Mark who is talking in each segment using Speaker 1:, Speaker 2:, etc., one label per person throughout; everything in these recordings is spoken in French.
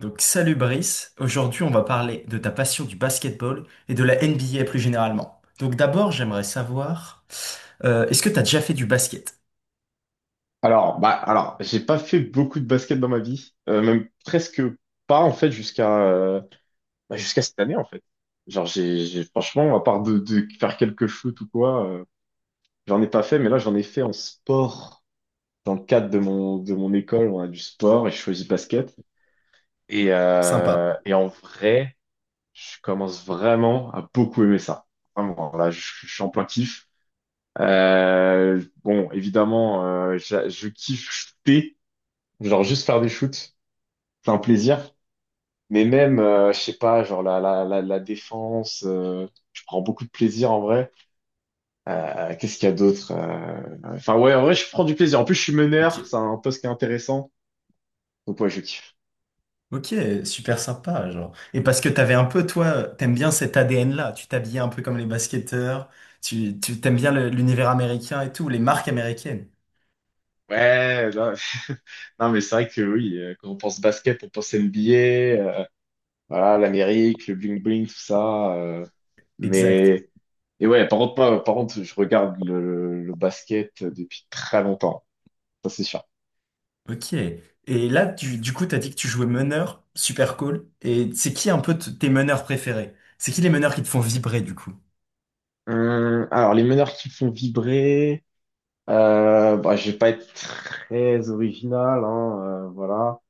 Speaker 1: Donc salut Brice, aujourd'hui on va parler de ta passion du basketball et de la NBA plus généralement. Donc d'abord j'aimerais savoir, est-ce que t'as déjà fait du basket?
Speaker 2: Alors, j'ai pas fait beaucoup de basket dans ma vie, même presque pas en fait jusqu'à cette année en fait. Genre, franchement, à part de faire quelques shoots ou quoi, j'en ai pas fait. Mais là, j'en ai fait en sport dans le cadre de mon école, on a du sport et je choisis basket. Et
Speaker 1: Sympa.
Speaker 2: euh, et en vrai, je commence vraiment à beaucoup aimer ça. Vraiment, là, je suis en plein kiff. Bon, évidemment, je kiffe shooter, genre juste faire des shoots. C'est un plaisir. Mais même, je sais pas, genre la défense, je prends beaucoup de plaisir en vrai. Qu'est-ce qu'il y a d'autre? Enfin ouais, en vrai, je prends du plaisir. En plus, je suis meneur, c'est
Speaker 1: Ok,
Speaker 2: un poste qui est intéressant. Donc ouais, je kiffe.
Speaker 1: ok, super sympa genre. Et parce que t'avais un peu toi, t'aimes bien cet ADN-là, tu t'habillais un peu comme les basketteurs, tu t'aimes bien l'univers américain et tout, les marques américaines.
Speaker 2: Ouais, non, non, mais c'est vrai que oui, quand on pense basket, on pense NBA, euh, voilà, l'Amérique, le bling-bling, tout ça.
Speaker 1: Exact.
Speaker 2: Mais et ouais, par contre, moi, par contre, je regarde le basket depuis très longtemps, ça c'est sûr.
Speaker 1: Ok. Et là du coup t'as dit que tu jouais meneur, super cool. Et c'est qui un peu tes meneurs préférés? C'est qui les meneurs qui te font vibrer du coup?
Speaker 2: Alors, les meneurs qui me font vibrer. Je vais pas être très original, hein, voilà.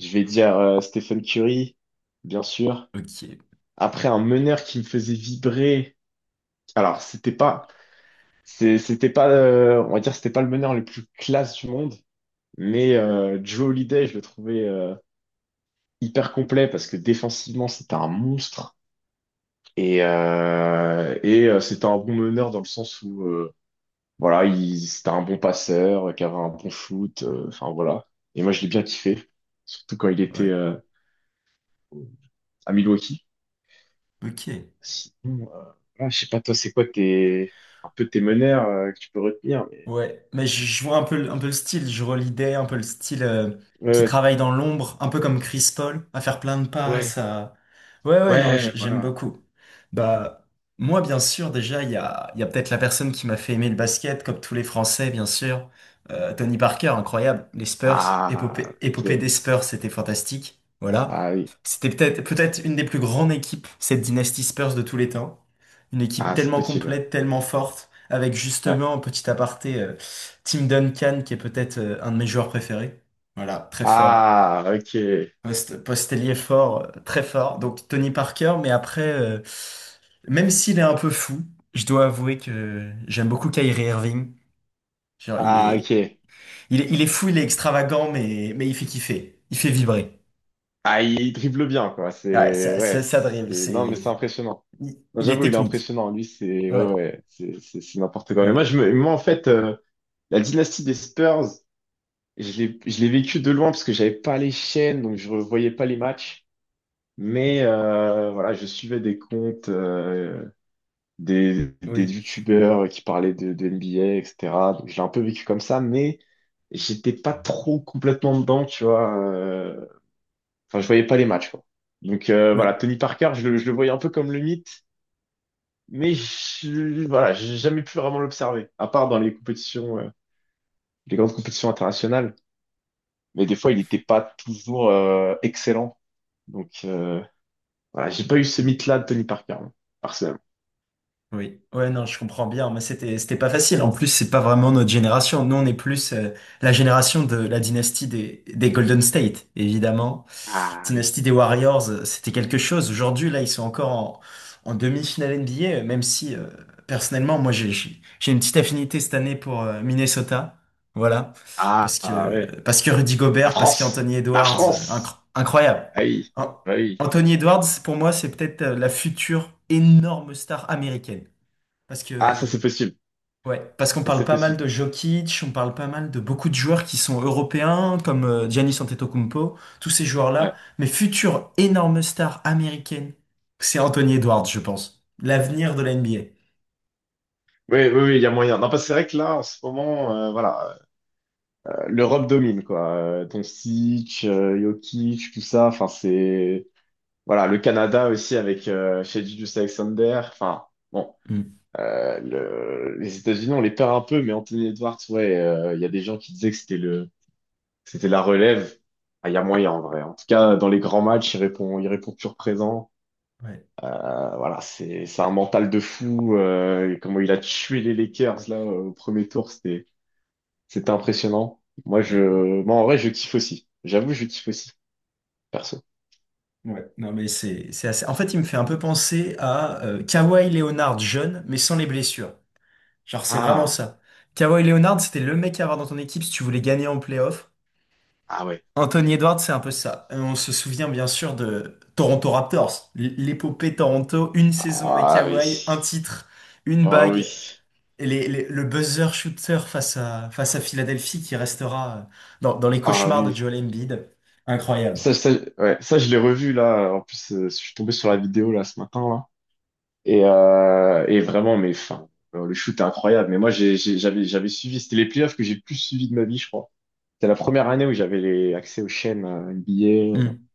Speaker 2: Je vais dire Stephen Curry, bien sûr.
Speaker 1: Ok,
Speaker 2: Après, un meneur qui me faisait vibrer. Alors, c'était pas, on va dire, c'était pas le meneur le plus classe du monde, mais Drew Holiday, je le trouvais hyper complet parce que défensivement, c'était un monstre et c'était un bon meneur dans le sens où voilà, c'était un bon passeur, qui avait un bon foot, enfin voilà. Et moi, je l'ai bien kiffé, surtout quand il était
Speaker 1: ouais,
Speaker 2: à Milwaukee.
Speaker 1: ok.
Speaker 2: Sinon, voilà, je sais pas, toi, c'est quoi un peu tes meneurs que tu peux retenir, mais.
Speaker 1: Ouais, mais je vois un peu, un peu le style, je relidais un peu le style qui
Speaker 2: Ouais,
Speaker 1: travaille dans l'ombre, un peu comme Chris Paul, à faire plein de passes,
Speaker 2: ouais,
Speaker 1: à... Ouais, ouais, non,
Speaker 2: ouais,
Speaker 1: j'aime
Speaker 2: voilà.
Speaker 1: beaucoup. Bah, moi, bien sûr, déjà, il y a peut-être la personne qui m'a fait aimer le basket, comme tous les Français, bien sûr. Tony Parker, incroyable. Les Spurs,
Speaker 2: Ah,
Speaker 1: épopée des
Speaker 2: ok.
Speaker 1: Spurs, c'était fantastique. Voilà.
Speaker 2: Ah oui.
Speaker 1: C'était peut-être une des plus grandes équipes, cette dynastie Spurs de tous les temps. Une équipe
Speaker 2: Ah, c'est
Speaker 1: tellement
Speaker 2: possible,
Speaker 1: complète, tellement forte avec
Speaker 2: ouais. Ouais.
Speaker 1: justement, petit aparté, Tim Duncan, qui est peut-être un de mes joueurs préférés. Voilà, très fort.
Speaker 2: Ah, ok.
Speaker 1: Postelier fort, très fort. Donc Tony Parker, mais après, même s'il est un peu fou, je dois avouer que j'aime beaucoup Kyrie Irving. Genre, il
Speaker 2: Ah,
Speaker 1: est,
Speaker 2: ok.
Speaker 1: il est, il est fou, il est extravagant, mais il fait kiffer. Il fait vibrer.
Speaker 2: Ah, il dribble bien, quoi.
Speaker 1: Ouais, ça,
Speaker 2: Ouais,
Speaker 1: ça, ça dribble,
Speaker 2: non, mais c'est
Speaker 1: c'est...
Speaker 2: impressionnant.
Speaker 1: Il
Speaker 2: Non,
Speaker 1: il est
Speaker 2: j'avoue, il est
Speaker 1: technique.
Speaker 2: impressionnant. Lui, c'est
Speaker 1: Ouais,
Speaker 2: ouais, ouais, c'est n'importe quoi. Mais moi,
Speaker 1: voilà.
Speaker 2: moi, en fait, la dynastie des Spurs, je l'ai vécue de loin parce que j'avais pas les chaînes, donc je revoyais pas les matchs. Mais voilà, je suivais des comptes, des
Speaker 1: Oui,
Speaker 2: youtubeurs qui parlaient de NBA, etc. Donc, je l'ai un peu vécu comme ça, mais j'étais pas trop complètement dedans, tu vois. Enfin, je voyais pas les matchs, quoi. Donc, voilà,
Speaker 1: oui.
Speaker 2: Tony Parker, je le voyais un peu comme le mythe, mais voilà, j'ai jamais pu vraiment l'observer, à part dans les compétitions, les grandes compétitions internationales. Mais des fois, il n'était pas toujours excellent. Donc, voilà, j'ai pas eu ce
Speaker 1: Hmm.
Speaker 2: mythe-là de Tony Parker, hein, personnellement.
Speaker 1: Oui, ouais, non, je comprends bien, mais c'était pas facile. En plus, c'est pas vraiment notre génération. Nous, on est plus la génération de la dynastie des Golden State, évidemment.
Speaker 2: Ah oui.
Speaker 1: Dynastie des Warriors, c'était quelque chose. Aujourd'hui, là, ils sont encore en demi-finale NBA, même si personnellement, moi, j'ai une petite affinité cette année pour Minnesota. Voilà,
Speaker 2: Ah,
Speaker 1: parce
Speaker 2: ah,
Speaker 1: que
Speaker 2: ouais.
Speaker 1: parce que Rudy
Speaker 2: La
Speaker 1: Gobert, parce
Speaker 2: France.
Speaker 1: qu'Anthony
Speaker 2: La
Speaker 1: Edwards,
Speaker 2: France.
Speaker 1: incroyable.
Speaker 2: Ah oui.
Speaker 1: An-
Speaker 2: Ah oui.
Speaker 1: Anthony Edwards, pour moi, c'est peut-être la future énorme star américaine. Parce
Speaker 2: Ah, ça
Speaker 1: que,
Speaker 2: c'est possible.
Speaker 1: ouais, parce qu'on
Speaker 2: Ça
Speaker 1: parle
Speaker 2: c'est
Speaker 1: pas mal
Speaker 2: possible.
Speaker 1: de Jokic, on parle pas mal de beaucoup de joueurs qui sont européens, comme Giannis Antetokounmpo, tous ces
Speaker 2: Ouais.
Speaker 1: joueurs-là. Mais future énorme star américaine, c'est Anthony Edwards, je pense. L'avenir de la NBA.
Speaker 2: Oui, oui, oui, il y a moyen. Non, parce que c'est vrai que là, en ce moment, voilà, l'Europe domine, quoi. Doncic, Jokic, tout ça, enfin, c'est. Voilà, le Canada aussi avec chez Julius Alexander. Enfin, bon,
Speaker 1: Mm.
Speaker 2: les États-Unis, on les perd un peu, mais Anthony Edwards, ouais, il y a des gens qui disaient que c'était la relève. Ah, il y a moyen en vrai. En tout cas, dans les grands matchs, il répond toujours présent.
Speaker 1: Ouais,
Speaker 2: Voilà, c'est, un mental de fou. Et comment il a tué les Lakers là au premier tour, c'était impressionnant. Moi,
Speaker 1: ouais,
Speaker 2: moi en vrai, je kiffe aussi. J'avoue, je kiffe aussi, perso.
Speaker 1: ouais. Non, mais c'est assez... En fait, il me fait un peu penser à Kawhi Leonard jeune, mais sans les blessures. Genre, c'est vraiment
Speaker 2: Ah,
Speaker 1: ça. Kawhi Leonard, c'était le mec à avoir dans ton équipe si tu voulais gagner en playoff.
Speaker 2: ah ouais.
Speaker 1: Anthony Edwards, c'est un peu ça. On se souvient bien sûr de Toronto Raptors, l'épopée Toronto, une saison avec
Speaker 2: Ah oui.
Speaker 1: Kawhi, un titre, une
Speaker 2: Oh oui.
Speaker 1: bague, et le buzzer shooter face à Philadelphie qui restera dans les
Speaker 2: Ah
Speaker 1: cauchemars de
Speaker 2: oui,
Speaker 1: Joel Embiid. Incroyable.
Speaker 2: ça, ça, ouais, ça je l'ai revu là. En plus, je suis tombé sur la vidéo là ce matin là. Et vraiment, mais enfin, le shoot est incroyable. Mais moi, j'avais suivi. C'était les playoffs que j'ai le plus suivi de ma vie, je crois. C'était la première année où j'avais les accès aux chaînes NBA
Speaker 1: Hmm.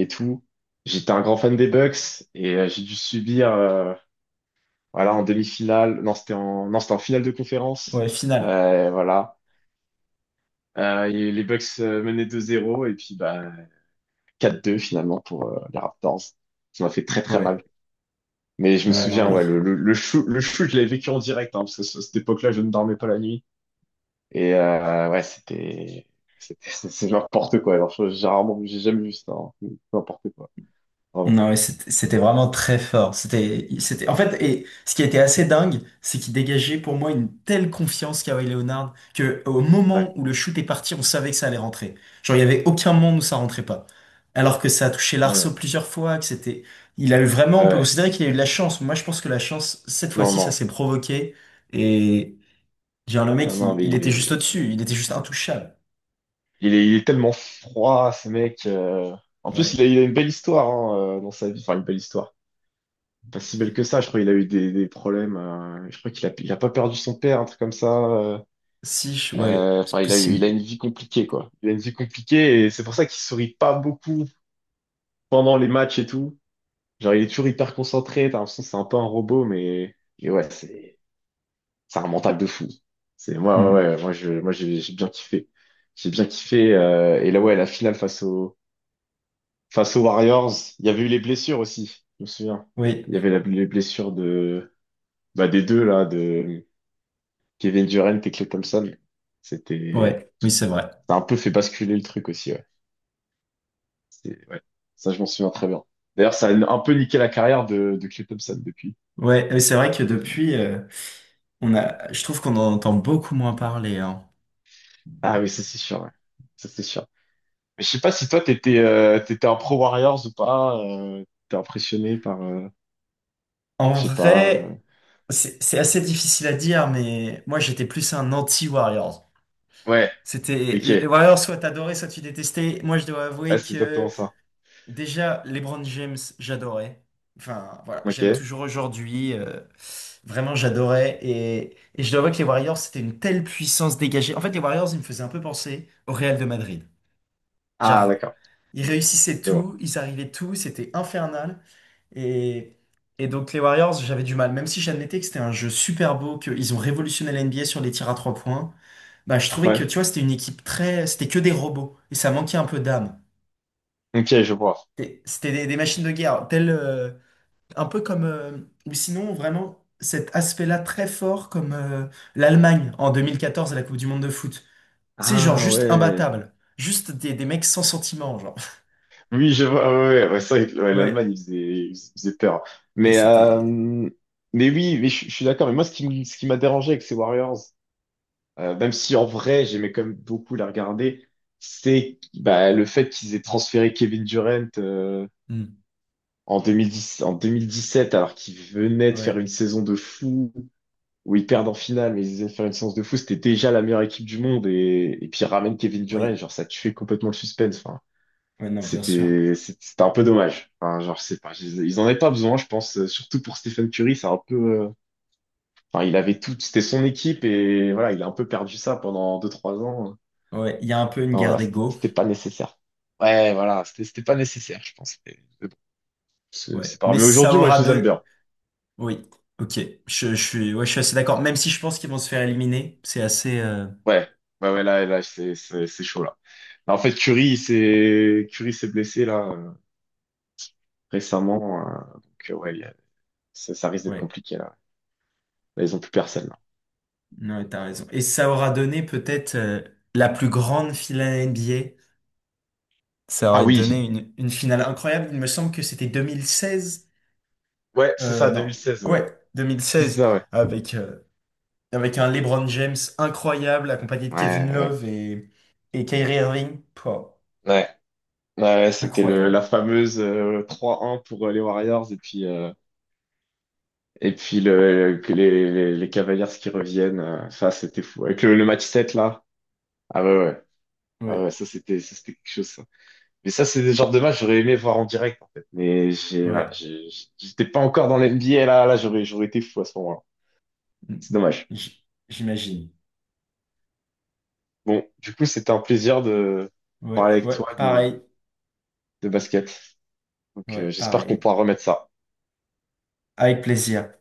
Speaker 2: et tout. J'étais un grand fan des Bucks et j'ai dû subir, voilà, en demi-finale. Non, c'était en, non, c'était en finale de conférence.
Speaker 1: Ouais, finale.
Speaker 2: Voilà. Et les Bucks menaient 2-0 et puis bah. 4-2 finalement pour les Raptors. Ça m'a fait très très
Speaker 1: Ouais,
Speaker 2: mal. Mais je me
Speaker 1: ouais,
Speaker 2: souviens,
Speaker 1: non,
Speaker 2: ouais, le shoot, je l'avais vécu en direct, hein, parce que à cette époque-là, je ne dormais pas la nuit. Et ouais, c'est n'importe quoi. Alors, j'ai rarement, j'ai jamais vu ça. Hein. N'importe quoi, vraiment.
Speaker 1: non, mais c'était vraiment très fort. C'était, en fait, et ce qui était assez dingue, c'est qu'il dégageait pour moi une telle confiance, Kawhi Leonard, que au moment
Speaker 2: Ouais,
Speaker 1: où le shoot est parti, on savait que ça allait rentrer. Genre, il y avait aucun moment où ça rentrait pas. Alors que ça a touché
Speaker 2: ouais,
Speaker 1: l'arceau
Speaker 2: ouais.
Speaker 1: plusieurs fois, que c'était, il a eu vraiment,
Speaker 2: Ouais.
Speaker 1: on peut
Speaker 2: Ouais.
Speaker 1: considérer qu'il a eu de la chance. Moi, je pense que la chance, cette
Speaker 2: Non,
Speaker 1: fois-ci, ça
Speaker 2: non,
Speaker 1: s'est provoqué. Et, genre, le
Speaker 2: non,
Speaker 1: mec,
Speaker 2: non,
Speaker 1: il,
Speaker 2: mais
Speaker 1: il
Speaker 2: il
Speaker 1: était juste
Speaker 2: est,
Speaker 1: au-dessus. Il était juste intouchable.
Speaker 2: il est, il est tellement froid, ce mec. En plus,
Speaker 1: Ouais.
Speaker 2: il a une belle histoire hein, dans sa vie. Enfin, une belle histoire. Pas si belle que ça. Je crois qu'il a eu des problèmes. Je crois qu'il a pas perdu son père, un truc comme ça.
Speaker 1: Si, ouais, c'est
Speaker 2: Enfin, il a eu, il
Speaker 1: possible.
Speaker 2: a une vie compliquée, quoi. Il a une vie compliquée et c'est pour ça qu'il sourit pas beaucoup pendant les matchs et tout. Genre, il est toujours hyper concentré. T'as l'impression que c'est un peu un robot, et ouais, c'est un mental de fou. Ouais,
Speaker 1: Hmm.
Speaker 2: ouais, moi, j'ai bien kiffé. J'ai bien kiffé. Et là, ouais, la finale face aux Warriors. Il y avait eu les blessures aussi. Je me souviens.
Speaker 1: Oui,
Speaker 2: Il y avait les blessures de, bah, des deux là, de Kevin Durant et Klay Thompson. C'était,
Speaker 1: ouais, oui, c'est vrai.
Speaker 2: ça a un peu fait basculer le truc aussi, ouais. Ouais. Ça, je m'en souviens très bien. D'ailleurs, ça a un peu niqué la carrière de Klay Thompson depuis.
Speaker 1: Ouais, mais c'est vrai que depuis, on a, je trouve qu'on en entend beaucoup moins parler, hein.
Speaker 2: Ah oui, ça c'est sûr, ouais. Ça c'est sûr. Mais je sais pas si toi t'étais t'étais un pro Warriors ou pas, t'es impressionné par, je
Speaker 1: En
Speaker 2: sais pas.
Speaker 1: vrai, c'est assez difficile à dire, mais moi j'étais plus un anti-Warriors.
Speaker 2: Ouais,
Speaker 1: C'était
Speaker 2: ok.
Speaker 1: les Warriors, soit t'adorais, soit tu détestais. Moi, je dois
Speaker 2: Ouais,
Speaker 1: avouer
Speaker 2: c'est exactement
Speaker 1: que
Speaker 2: ça.
Speaker 1: déjà LeBron James, j'adorais. Enfin, voilà,
Speaker 2: Ok.
Speaker 1: j'aime toujours aujourd'hui. Vraiment, j'adorais. Et je dois avouer que les Warriors, c'était une telle puissance dégagée. En fait, les Warriors, ils me faisaient un peu penser au Real de Madrid.
Speaker 2: Ah
Speaker 1: Genre,
Speaker 2: d'accord.
Speaker 1: ils réussissaient
Speaker 2: Je vois.
Speaker 1: tout, ils arrivaient tout, c'était infernal. Et, et donc les Warriors, j'avais du mal. Même si j'admettais que c'était un jeu super beau, qu'ils ont révolutionné la NBA sur les tirs à trois points, bah je trouvais que
Speaker 2: Ouais.
Speaker 1: tu vois, c'était une équipe très. C'était que des robots. Et ça manquait un peu d'âme.
Speaker 2: Ok, je vois.
Speaker 1: C'était des machines de guerre. Telles, un peu comme. Ou sinon, vraiment, cet aspect-là très fort, comme l'Allemagne en 2014 à la Coupe du Monde de foot. C'est genre
Speaker 2: Ah
Speaker 1: juste
Speaker 2: ouais.
Speaker 1: imbattable. Juste des mecs sans sentiment, genre.
Speaker 2: Oui, je vois. Ouais, ouais, ouais, c'est vrai que ouais, l'Allemagne,
Speaker 1: Ouais.
Speaker 2: il faisait peur.
Speaker 1: Et
Speaker 2: Mais, euh,
Speaker 1: c'était.
Speaker 2: mais oui, mais je suis d'accord. Mais moi, ce qui m'a dérangé avec ces Warriors, même si en vrai, j'aimais quand même beaucoup la regarder, c'est bah, le fait qu'ils aient transféré Kevin Durant
Speaker 1: Hmm.
Speaker 2: en 2010, en sept alors qu'il venait de faire
Speaker 1: Ouais,
Speaker 2: une saison de fou, où ils perdent en finale, mais ils venaient de faire une séance de fou. C'était déjà la meilleure équipe du monde. Et puis, ils ramènent Kevin Durant,
Speaker 1: oui,
Speaker 2: genre, ça tuait complètement le suspense. Enfin.
Speaker 1: ouais, non, bien sûr.
Speaker 2: C'était un peu dommage. Enfin, genre, je sais pas, ils en avaient pas besoin, je pense, surtout pour Stephen Curry, c'est un peu, enfin, il avait tout, c'était son équipe et voilà, il a un peu perdu ça pendant deux trois ans.
Speaker 1: Ouais, il y a un peu une
Speaker 2: Enfin,
Speaker 1: guerre
Speaker 2: voilà, c'était
Speaker 1: d'ego.
Speaker 2: c'était pas nécessaire. Ouais, voilà, c'était pas nécessaire, je pense. Mais bon, c'est
Speaker 1: Ouais,
Speaker 2: c'est pas grave.
Speaker 1: mais
Speaker 2: Mais
Speaker 1: ça
Speaker 2: aujourd'hui, moi,
Speaker 1: aura
Speaker 2: je les aime
Speaker 1: deux.
Speaker 2: bien.
Speaker 1: Oui, ok. Je suis assez d'accord. Même si je pense qu'ils vont se faire éliminer, c'est assez.
Speaker 2: Ouais, ouais, ouais, là, c'est chaud, là. Là, en fait, Curry s'est blessé, là, récemment. Donc, ouais, ça risque d'être
Speaker 1: Ouais,
Speaker 2: compliqué, là. Là, ils ont plus personne, là.
Speaker 1: non, t'as raison. Et ça aura donné peut-être la plus grande finale NBA. Ça
Speaker 2: Ah
Speaker 1: aurait
Speaker 2: oui.
Speaker 1: donné une finale incroyable. Il me semble que c'était 2016.
Speaker 2: Ouais, c'est ça, deux
Speaker 1: Non,
Speaker 2: mille seize ouais.
Speaker 1: ouais,
Speaker 2: C'est
Speaker 1: 2016
Speaker 2: ça, ouais.
Speaker 1: avec avec un LeBron James incroyable accompagné de
Speaker 2: Ouais,
Speaker 1: Kevin
Speaker 2: ouais,
Speaker 1: Love et Kyrie Irving. Pouah.
Speaker 2: ouais. Ouais, ouais, c'était la
Speaker 1: Incroyable.
Speaker 2: fameuse 3-1 pour les Warriors et puis le, que les Cavaliers qui reviennent. Ça, c'était fou. Avec le match 7 là. Ah ouais, ouais. Ah ouais,
Speaker 1: Ouais,
Speaker 2: ça, c'était quelque chose, ça. Mais ça, c'est des genres de match que j'aurais aimé voir en direct, en fait. Mais voilà,
Speaker 1: ouais.
Speaker 2: j'étais pas encore dans l'NBA, là. Là, j'aurais été fou à ce moment-là.
Speaker 1: Mm.
Speaker 2: C'est dommage.
Speaker 1: J'imagine.
Speaker 2: Bon, du coup, c'était un plaisir de
Speaker 1: Ouais,
Speaker 2: parler avec
Speaker 1: ouais,
Speaker 2: toi de,
Speaker 1: pareil.
Speaker 2: de basket. Donc,
Speaker 1: Ouais,
Speaker 2: j'espère qu'on
Speaker 1: pareil.
Speaker 2: pourra remettre ça.
Speaker 1: Avec plaisir.